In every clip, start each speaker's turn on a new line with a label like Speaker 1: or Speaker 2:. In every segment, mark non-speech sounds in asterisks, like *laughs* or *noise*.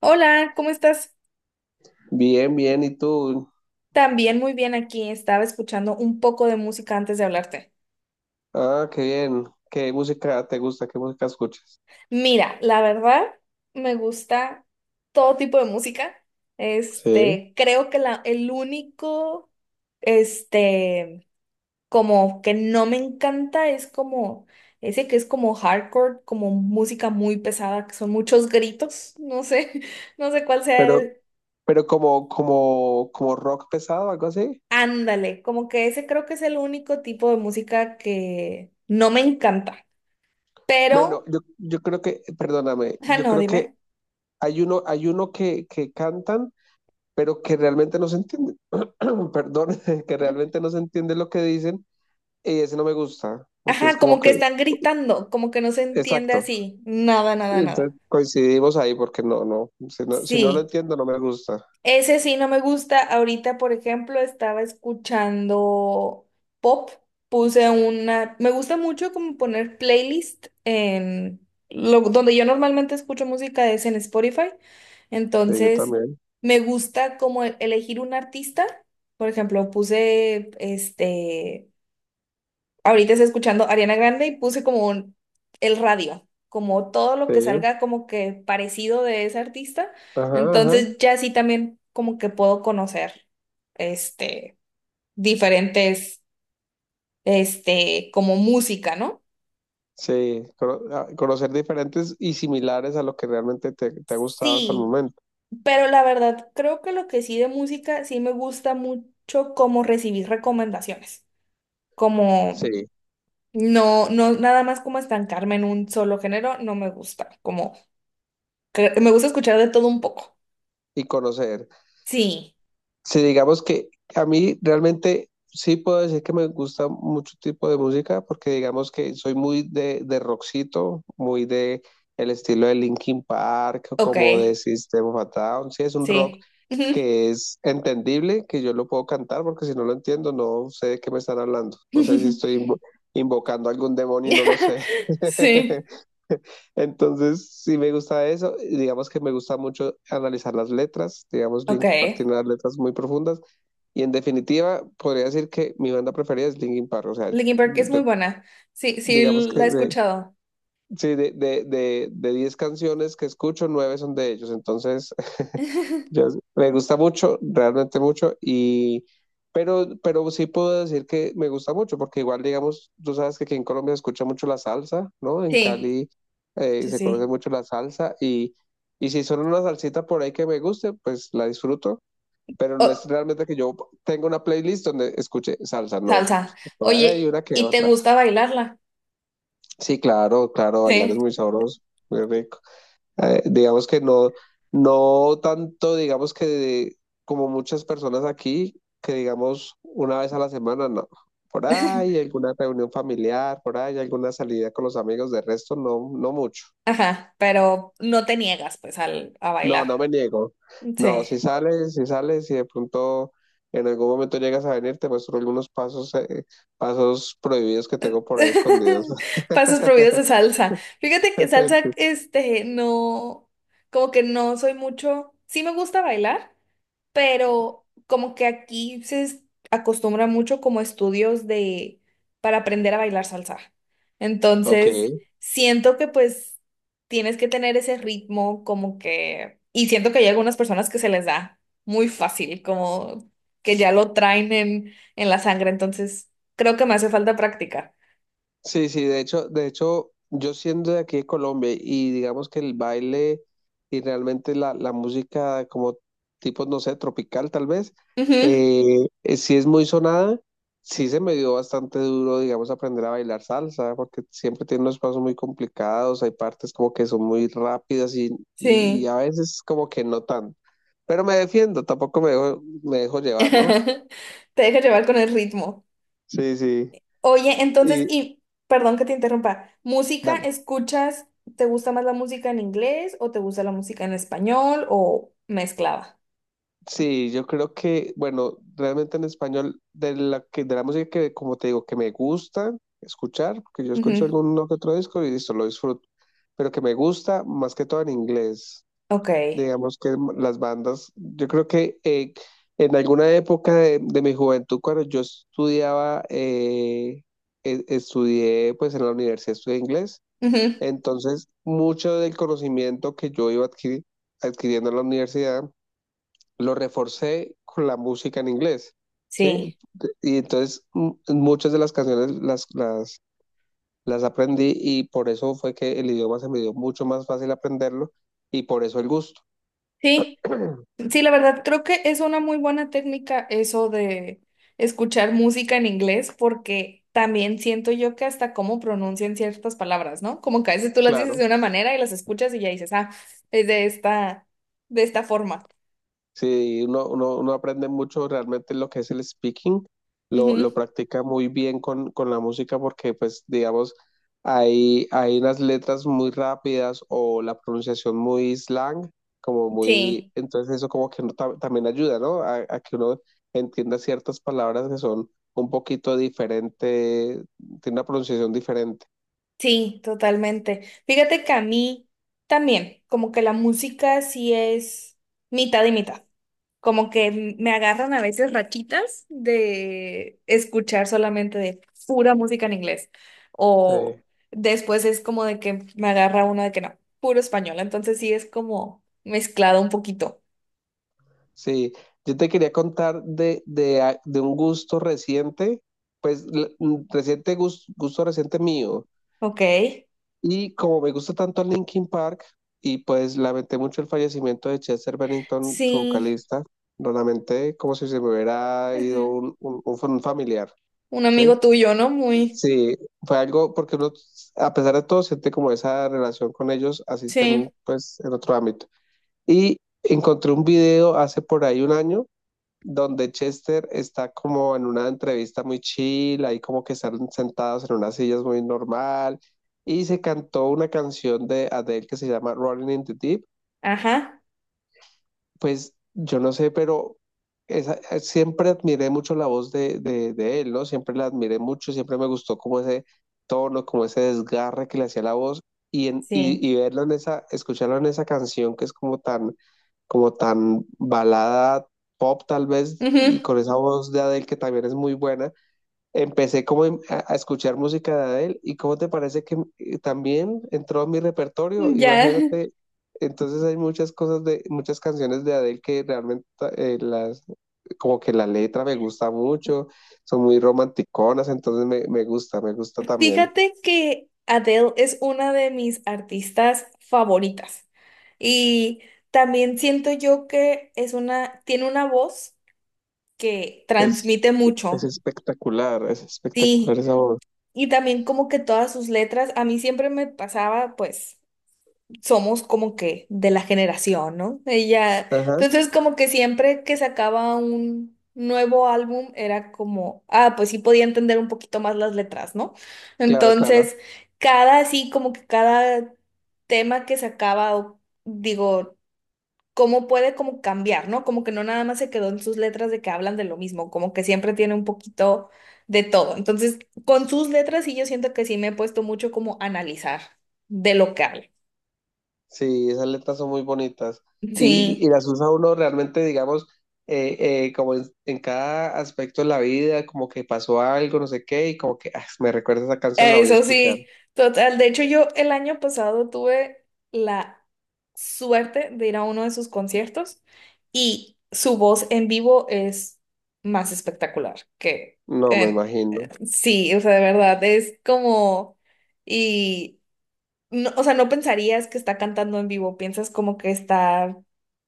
Speaker 1: Hola, ¿cómo estás?
Speaker 2: Bien, bien, ¿y tú?
Speaker 1: También muy bien aquí. Estaba escuchando un poco de música antes de hablarte.
Speaker 2: Ah, qué bien. ¿Qué música te gusta? ¿Qué música escuchas?
Speaker 1: Mira, la verdad, me gusta todo tipo de música.
Speaker 2: Sí.
Speaker 1: Creo que el único, este, como que no me encanta es como ese que es como hardcore, como música muy pesada, que son muchos gritos. No sé, *laughs* no sé cuál sea
Speaker 2: Pero,
Speaker 1: el.
Speaker 2: pero como rock pesado, algo así.
Speaker 1: Ándale, como que ese creo que es el único tipo de música que no me encanta.
Speaker 2: Bueno,
Speaker 1: Pero,
Speaker 2: yo creo que, perdóname,
Speaker 1: ajá,
Speaker 2: yo
Speaker 1: no,
Speaker 2: creo que
Speaker 1: dime.
Speaker 2: hay uno que cantan, pero que realmente no se entiende, *clears throat* perdón, *laughs* que realmente no se entiende lo que dicen, y ese no me gusta, porque es
Speaker 1: Ajá,
Speaker 2: como
Speaker 1: como que
Speaker 2: que,
Speaker 1: están gritando, como que no se entiende
Speaker 2: exacto.
Speaker 1: así. Nada, nada, nada.
Speaker 2: Entonces coincidimos ahí porque no, no, si no lo
Speaker 1: Sí,
Speaker 2: entiendo no me gusta.
Speaker 1: ese sí no me gusta. Ahorita, por ejemplo, estaba escuchando pop. Puse una... Me gusta mucho como poner playlist en... Lo... Donde yo normalmente escucho música es en Spotify.
Speaker 2: Sí, yo
Speaker 1: Entonces,
Speaker 2: también.
Speaker 1: me gusta como elegir un artista. Por ejemplo, puse este... Ahorita estoy escuchando Ariana Grande y puse como el radio, como todo lo que
Speaker 2: Sí.
Speaker 1: salga como que parecido de ese artista.
Speaker 2: Ajá,
Speaker 1: Entonces
Speaker 2: ajá.
Speaker 1: ya sí también como que puedo conocer este diferentes como música, ¿no?
Speaker 2: Sí, conocer diferentes y similares a lo que realmente te ha gustado hasta el
Speaker 1: Sí,
Speaker 2: momento.
Speaker 1: pero la verdad creo que lo que sí de música sí me gusta mucho como recibir recomendaciones. Como
Speaker 2: Sí,
Speaker 1: no nada más como estancarme en un solo género, no me gusta. Como que me gusta escuchar de todo un poco.
Speaker 2: y conocer.
Speaker 1: Sí,
Speaker 2: Si digamos que a mí realmente sí puedo decir que me gusta mucho tipo de música, porque digamos que soy muy de, rockcito, muy de el estilo de Linkin Park,
Speaker 1: ok,
Speaker 2: como de System of a Down. Sí, es un rock
Speaker 1: sí. Ujú.
Speaker 2: que es entendible, que yo lo puedo cantar, porque si no lo entiendo, no sé de qué me están hablando. No sé si estoy
Speaker 1: *laughs*
Speaker 2: invocando a algún demonio y no lo sé.
Speaker 1: Sí,
Speaker 2: *laughs* Entonces, sí me gusta eso. Y digamos que me gusta mucho analizar las letras. Digamos,
Speaker 1: ok.
Speaker 2: Linkin Park tiene unas letras muy profundas. Y en definitiva, podría decir que mi banda preferida es Linkin Park. O sea,
Speaker 1: Linkin Park es muy
Speaker 2: yo,
Speaker 1: buena. Sí,
Speaker 2: digamos
Speaker 1: sí,
Speaker 2: que
Speaker 1: la he escuchado.
Speaker 2: sí, de 10 canciones que escucho, 9 son de ellos. Entonces, *laughs* yo-
Speaker 1: *laughs*
Speaker 2: me gusta mucho, realmente mucho. Pero sí puedo decir que me gusta mucho, porque igual, digamos, tú sabes que aquí en Colombia se escucha mucho la salsa, ¿no? En
Speaker 1: Sí,
Speaker 2: Cali
Speaker 1: sí,
Speaker 2: se conoce
Speaker 1: sí.
Speaker 2: mucho la salsa. Y si son una salsita por ahí que me guste, pues la disfruto. Pero no es
Speaker 1: Oh,
Speaker 2: realmente que yo tenga una playlist donde escuche salsa, no.
Speaker 1: salsa.
Speaker 2: Por ahí hay
Speaker 1: Oye,
Speaker 2: una que
Speaker 1: ¿y te
Speaker 2: otra.
Speaker 1: gusta bailarla?
Speaker 2: Sí, claro, claro, bailar
Speaker 1: Sí.
Speaker 2: es muy sabroso, muy rico, digamos que no, no tanto, digamos que como muchas personas aquí, que digamos una vez a la semana, no. Por ahí
Speaker 1: *laughs*
Speaker 2: alguna reunión familiar, por ahí alguna salida con los amigos, de resto no, no mucho.
Speaker 1: Ajá, pero no te niegas pues al, a
Speaker 2: No,
Speaker 1: bailar.
Speaker 2: no me niego. No,
Speaker 1: Sí.
Speaker 2: si sales, si de pronto en algún momento llegas a venir, te muestro algunos pasos, pasos prohibidos que tengo por ahí escondidos.
Speaker 1: *laughs*
Speaker 2: *laughs*
Speaker 1: Pasos prohibidos de salsa. Fíjate que salsa, no, como que no soy mucho, sí me gusta bailar, pero como que aquí se acostumbra mucho como estudios de, para aprender a bailar salsa.
Speaker 2: Ok.
Speaker 1: Entonces, siento que pues tienes que tener ese ritmo como que, y siento que hay algunas personas que se les da muy fácil, como que ya lo traen en la sangre, entonces creo que me hace falta práctica.
Speaker 2: Sí, sí, de hecho, yo siendo de aquí de Colombia y digamos que el baile y realmente la música como tipo, no sé, tropical tal vez,
Speaker 1: Ujú.
Speaker 2: sí es muy sonada, sí se me dio bastante duro, digamos, aprender a bailar salsa, porque siempre tiene unos pasos muy complicados, hay partes como que son muy rápidas y, y
Speaker 1: Sí.
Speaker 2: a veces como que no tan, pero me defiendo, tampoco me dejo
Speaker 1: *laughs*
Speaker 2: llevar, ¿no?
Speaker 1: Te deja llevar con el ritmo.
Speaker 2: Sí, sí,
Speaker 1: Oye, entonces,
Speaker 2: y
Speaker 1: y perdón que te interrumpa, ¿música
Speaker 2: dale.
Speaker 1: escuchas? ¿Te gusta más la música en inglés o te gusta la música en español o mezclada?
Speaker 2: Sí, yo creo que, bueno, realmente en español, de la música que, como te digo, que me gusta escuchar, porque yo escucho
Speaker 1: Ujú.
Speaker 2: alguno que otro disco y listo, lo disfruto, pero que me gusta más que todo en inglés.
Speaker 1: Ok.
Speaker 2: Digamos que las bandas, yo creo que, en alguna época de, mi juventud, cuando yo estudiaba, estudié pues en la universidad, estudié inglés,
Speaker 1: Ujú.
Speaker 2: entonces mucho del conocimiento que yo iba adquiriendo en la universidad, lo reforcé con la música en inglés, ¿sí?
Speaker 1: Sí.
Speaker 2: Y entonces muchas de las canciones las aprendí y por eso fue que el idioma se me dio mucho más fácil aprenderlo y por eso el gusto,
Speaker 1: Sí. Sí, la verdad, creo que es una muy buena técnica eso de escuchar música en inglés, porque también siento yo que hasta cómo pronuncian ciertas palabras, ¿no? Como que a veces tú las dices
Speaker 2: claro.
Speaker 1: de una manera y las escuchas y ya dices, ah, es de de esta forma.
Speaker 2: Sí, uno aprende mucho realmente lo que es el speaking,
Speaker 1: Ujú.
Speaker 2: lo practica muy bien con la música porque pues digamos hay unas letras muy rápidas o la pronunciación muy slang, como muy,
Speaker 1: Sí,
Speaker 2: entonces eso como que uno también ayuda, ¿no? A que uno entienda ciertas palabras que son un poquito diferentes, tiene una pronunciación diferente.
Speaker 1: sí, totalmente. Fíjate que a mí también, como que la música sí es mitad y mitad, como que me agarran a veces rachitas de escuchar solamente de pura música en inglés. O
Speaker 2: Sí.
Speaker 1: después es como de que me agarra una de que no, puro español. Entonces sí es como mezclado un poquito.
Speaker 2: Sí, yo te quería contar de un gusto reciente, pues un reciente gusto, reciente mío.
Speaker 1: Ok.
Speaker 2: Y como me gusta tanto Linkin Park, y pues lamenté mucho el fallecimiento de Chester Bennington, su
Speaker 1: Sí.
Speaker 2: vocalista, lo lamenté como si se me hubiera ido
Speaker 1: Ujú.
Speaker 2: un familiar,
Speaker 1: Un
Speaker 2: ¿sí?
Speaker 1: amigo tuyo, ¿no? Muy.
Speaker 2: Sí, fue algo porque uno, a pesar de todo, siente como esa relación con ellos, asisten
Speaker 1: Sí.
Speaker 2: pues en otro ámbito. Y encontré un video hace por ahí un año donde Chester está como en una entrevista muy chill, ahí como que están sentados en unas sillas muy normal, y se cantó una canción de Adele que se llama Rolling in the Deep.
Speaker 1: Ajá.
Speaker 2: Pues yo no sé, pero siempre admiré mucho la voz de él, ¿no? Siempre la admiré mucho, siempre me gustó como ese tono, como ese desgarre que le hacía la voz, y, en, y,
Speaker 1: Sí.
Speaker 2: y escucharlo en esa canción que es como tan balada pop tal vez, y
Speaker 1: Ujú.
Speaker 2: con esa voz de Adele que también es muy buena, empecé como a escuchar música de Adele y cómo te parece que, también entró en mi repertorio,
Speaker 1: Ya.
Speaker 2: imagínate, entonces hay muchas cosas muchas canciones de Adele que realmente, eh, las, como que la letra me gusta mucho, son muy romanticonas, entonces me gusta también.
Speaker 1: Fíjate que Adele es una de mis artistas favoritas y también siento yo que es una, tiene una voz que
Speaker 2: Es,
Speaker 1: transmite mucho,
Speaker 2: es espectacular
Speaker 1: sí,
Speaker 2: esa voz.
Speaker 1: y también como que todas sus letras, a mí siempre me pasaba pues somos como que de la generación, ¿no? Ella,
Speaker 2: Ajá,
Speaker 1: entonces como que siempre que sacaba un nuevo álbum era como, ah, pues sí podía entender un poquito más las letras, ¿no?
Speaker 2: claro, claro.
Speaker 1: Entonces, cada así como que cada tema que sacaba, digo, cómo puede como cambiar, ¿no? Como que no nada más se quedó en sus letras de que hablan de lo mismo, como que siempre tiene un poquito de todo. Entonces, con sus letras sí yo siento que sí me he puesto mucho como a analizar de lo que habla.
Speaker 2: Sí, esas letras son muy bonitas. Y
Speaker 1: Sí.
Speaker 2: las usa uno realmente, digamos, como en cada aspecto de la vida, como que pasó algo, no sé qué, y como que ah, me recuerda esa canción, la voy a
Speaker 1: Eso
Speaker 2: escuchar.
Speaker 1: sí, total. De hecho, yo el año pasado tuve la suerte de ir a uno de sus conciertos y su voz en vivo es más espectacular que
Speaker 2: No, me
Speaker 1: en...
Speaker 2: imagino.
Speaker 1: Sí, o sea, de verdad, es como... Y, o sea, no pensarías que está cantando en vivo, piensas como que está...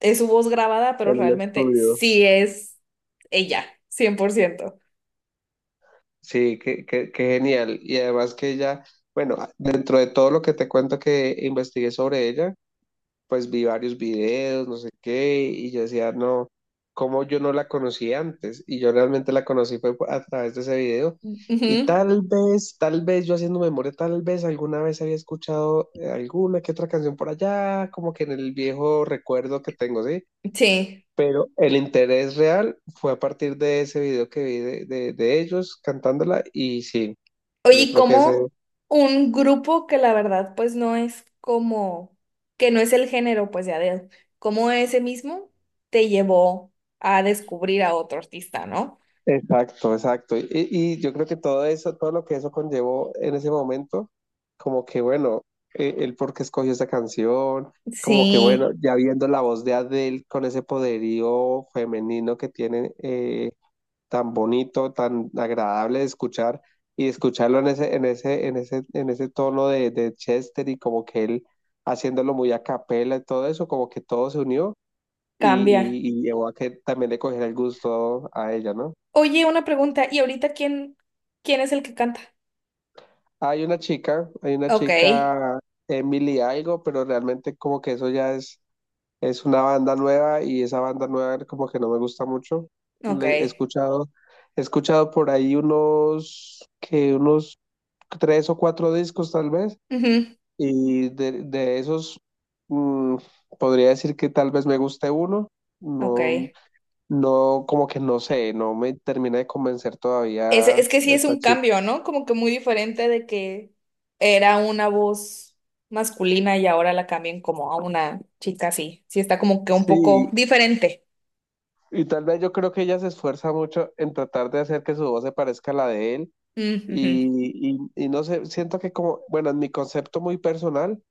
Speaker 1: Es su voz grabada, pero
Speaker 2: En un
Speaker 1: realmente
Speaker 2: estudio.
Speaker 1: sí es ella, 100%.
Speaker 2: Sí, qué genial. Y además que ella, bueno, dentro de todo lo que te cuento que investigué sobre ella, pues vi varios videos, no sé qué, y yo decía, no, ¿cómo yo no la conocí antes? Y yo realmente la conocí fue a través de ese video. Y
Speaker 1: Ujú.
Speaker 2: tal vez yo haciendo memoria, tal vez alguna vez había escuchado, alguna que otra canción por allá, como que en el viejo recuerdo que tengo, ¿sí?
Speaker 1: Sí.
Speaker 2: Pero el interés real fue a partir de ese video que vi de ellos cantándola y sí,
Speaker 1: Oye,
Speaker 2: yo
Speaker 1: ¿y
Speaker 2: creo que ese
Speaker 1: ¿cómo un grupo que la verdad pues no es como, que no es el género pues ya de él, cómo ese mismo te llevó a descubrir a otro artista, ¿no?
Speaker 2: exacto, exacto. Y yo creo que todo eso, todo lo que eso conllevó en ese momento, como que bueno, el por qué escogió esa canción, como que bueno,
Speaker 1: Sí,
Speaker 2: ya viendo la voz de Adele con ese poderío femenino que tiene, tan bonito, tan agradable de escuchar y escucharlo en ese, en ese tono de Chester y como que él haciéndolo muy a capela y todo eso, como que todo se unió y,
Speaker 1: cambia.
Speaker 2: y llevó a que también le cogiera el gusto a ella, ¿no?
Speaker 1: Oye, una pregunta, ¿y ahorita quién, quién es el que canta?
Speaker 2: Hay una chica,
Speaker 1: Ok,
Speaker 2: Emily algo, pero realmente como que eso ya es una banda nueva y esa banda nueva como que no me gusta mucho.
Speaker 1: ok,
Speaker 2: He escuchado por ahí unos tres o cuatro discos tal vez,
Speaker 1: ujú,
Speaker 2: y de esos, mm, podría decir que tal vez me guste uno.
Speaker 1: ok.
Speaker 2: No, no, como que no sé, no me termina de convencer todavía
Speaker 1: Es que sí es
Speaker 2: esta
Speaker 1: un
Speaker 2: chica.
Speaker 1: cambio, ¿no? Como que muy diferente de que era una voz masculina y ahora la cambian como a una chica así. Sí está como que un poco
Speaker 2: Sí,
Speaker 1: diferente.
Speaker 2: y tal vez yo creo que ella se esfuerza mucho en tratar de hacer que su voz se parezca a la de él.
Speaker 1: Mm, ujú.
Speaker 2: Y no sé, siento que como, bueno, en mi concepto muy personal,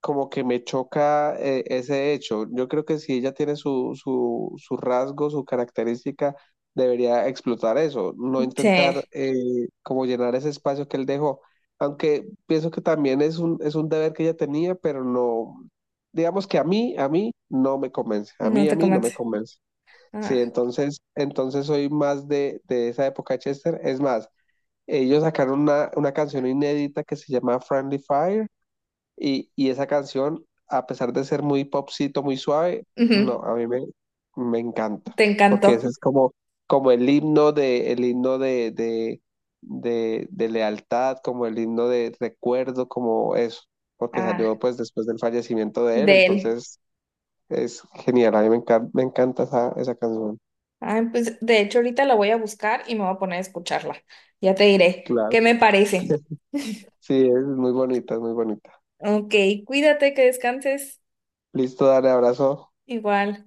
Speaker 2: como que me choca, ese hecho. Yo creo que si ella tiene su rasgo, su característica, debería explotar eso, no
Speaker 1: Sí,
Speaker 2: intentar, como llenar ese espacio que él dejó. Aunque pienso que también es un, deber que ella tenía, pero no, digamos que a mí no me convence,
Speaker 1: no
Speaker 2: a
Speaker 1: te
Speaker 2: mí no me
Speaker 1: convence.
Speaker 2: convence. Sí,
Speaker 1: Ah,
Speaker 2: entonces, soy más de, esa época de Chester. Es más, ellos sacaron una, canción inédita que se llama Friendly Fire y, esa canción, a pesar de ser muy popcito, muy suave, no,
Speaker 1: ujú.
Speaker 2: a mí me, encanta,
Speaker 1: Te
Speaker 2: porque ese
Speaker 1: encantó.
Speaker 2: es como, el himno de, lealtad, como el himno de recuerdo, como eso, porque
Speaker 1: Ah,
Speaker 2: salió pues después del fallecimiento de él,
Speaker 1: de él.
Speaker 2: entonces es genial, a mí me encanta esa, canción.
Speaker 1: Ah, pues de hecho ahorita la voy a buscar y me voy a poner a escucharla. Ya te diré
Speaker 2: Claro.
Speaker 1: qué me parece.
Speaker 2: Sí, es muy bonita, es muy bonita.
Speaker 1: Ok, cuídate, que descanses.
Speaker 2: Listo, dale abrazo.
Speaker 1: Igual.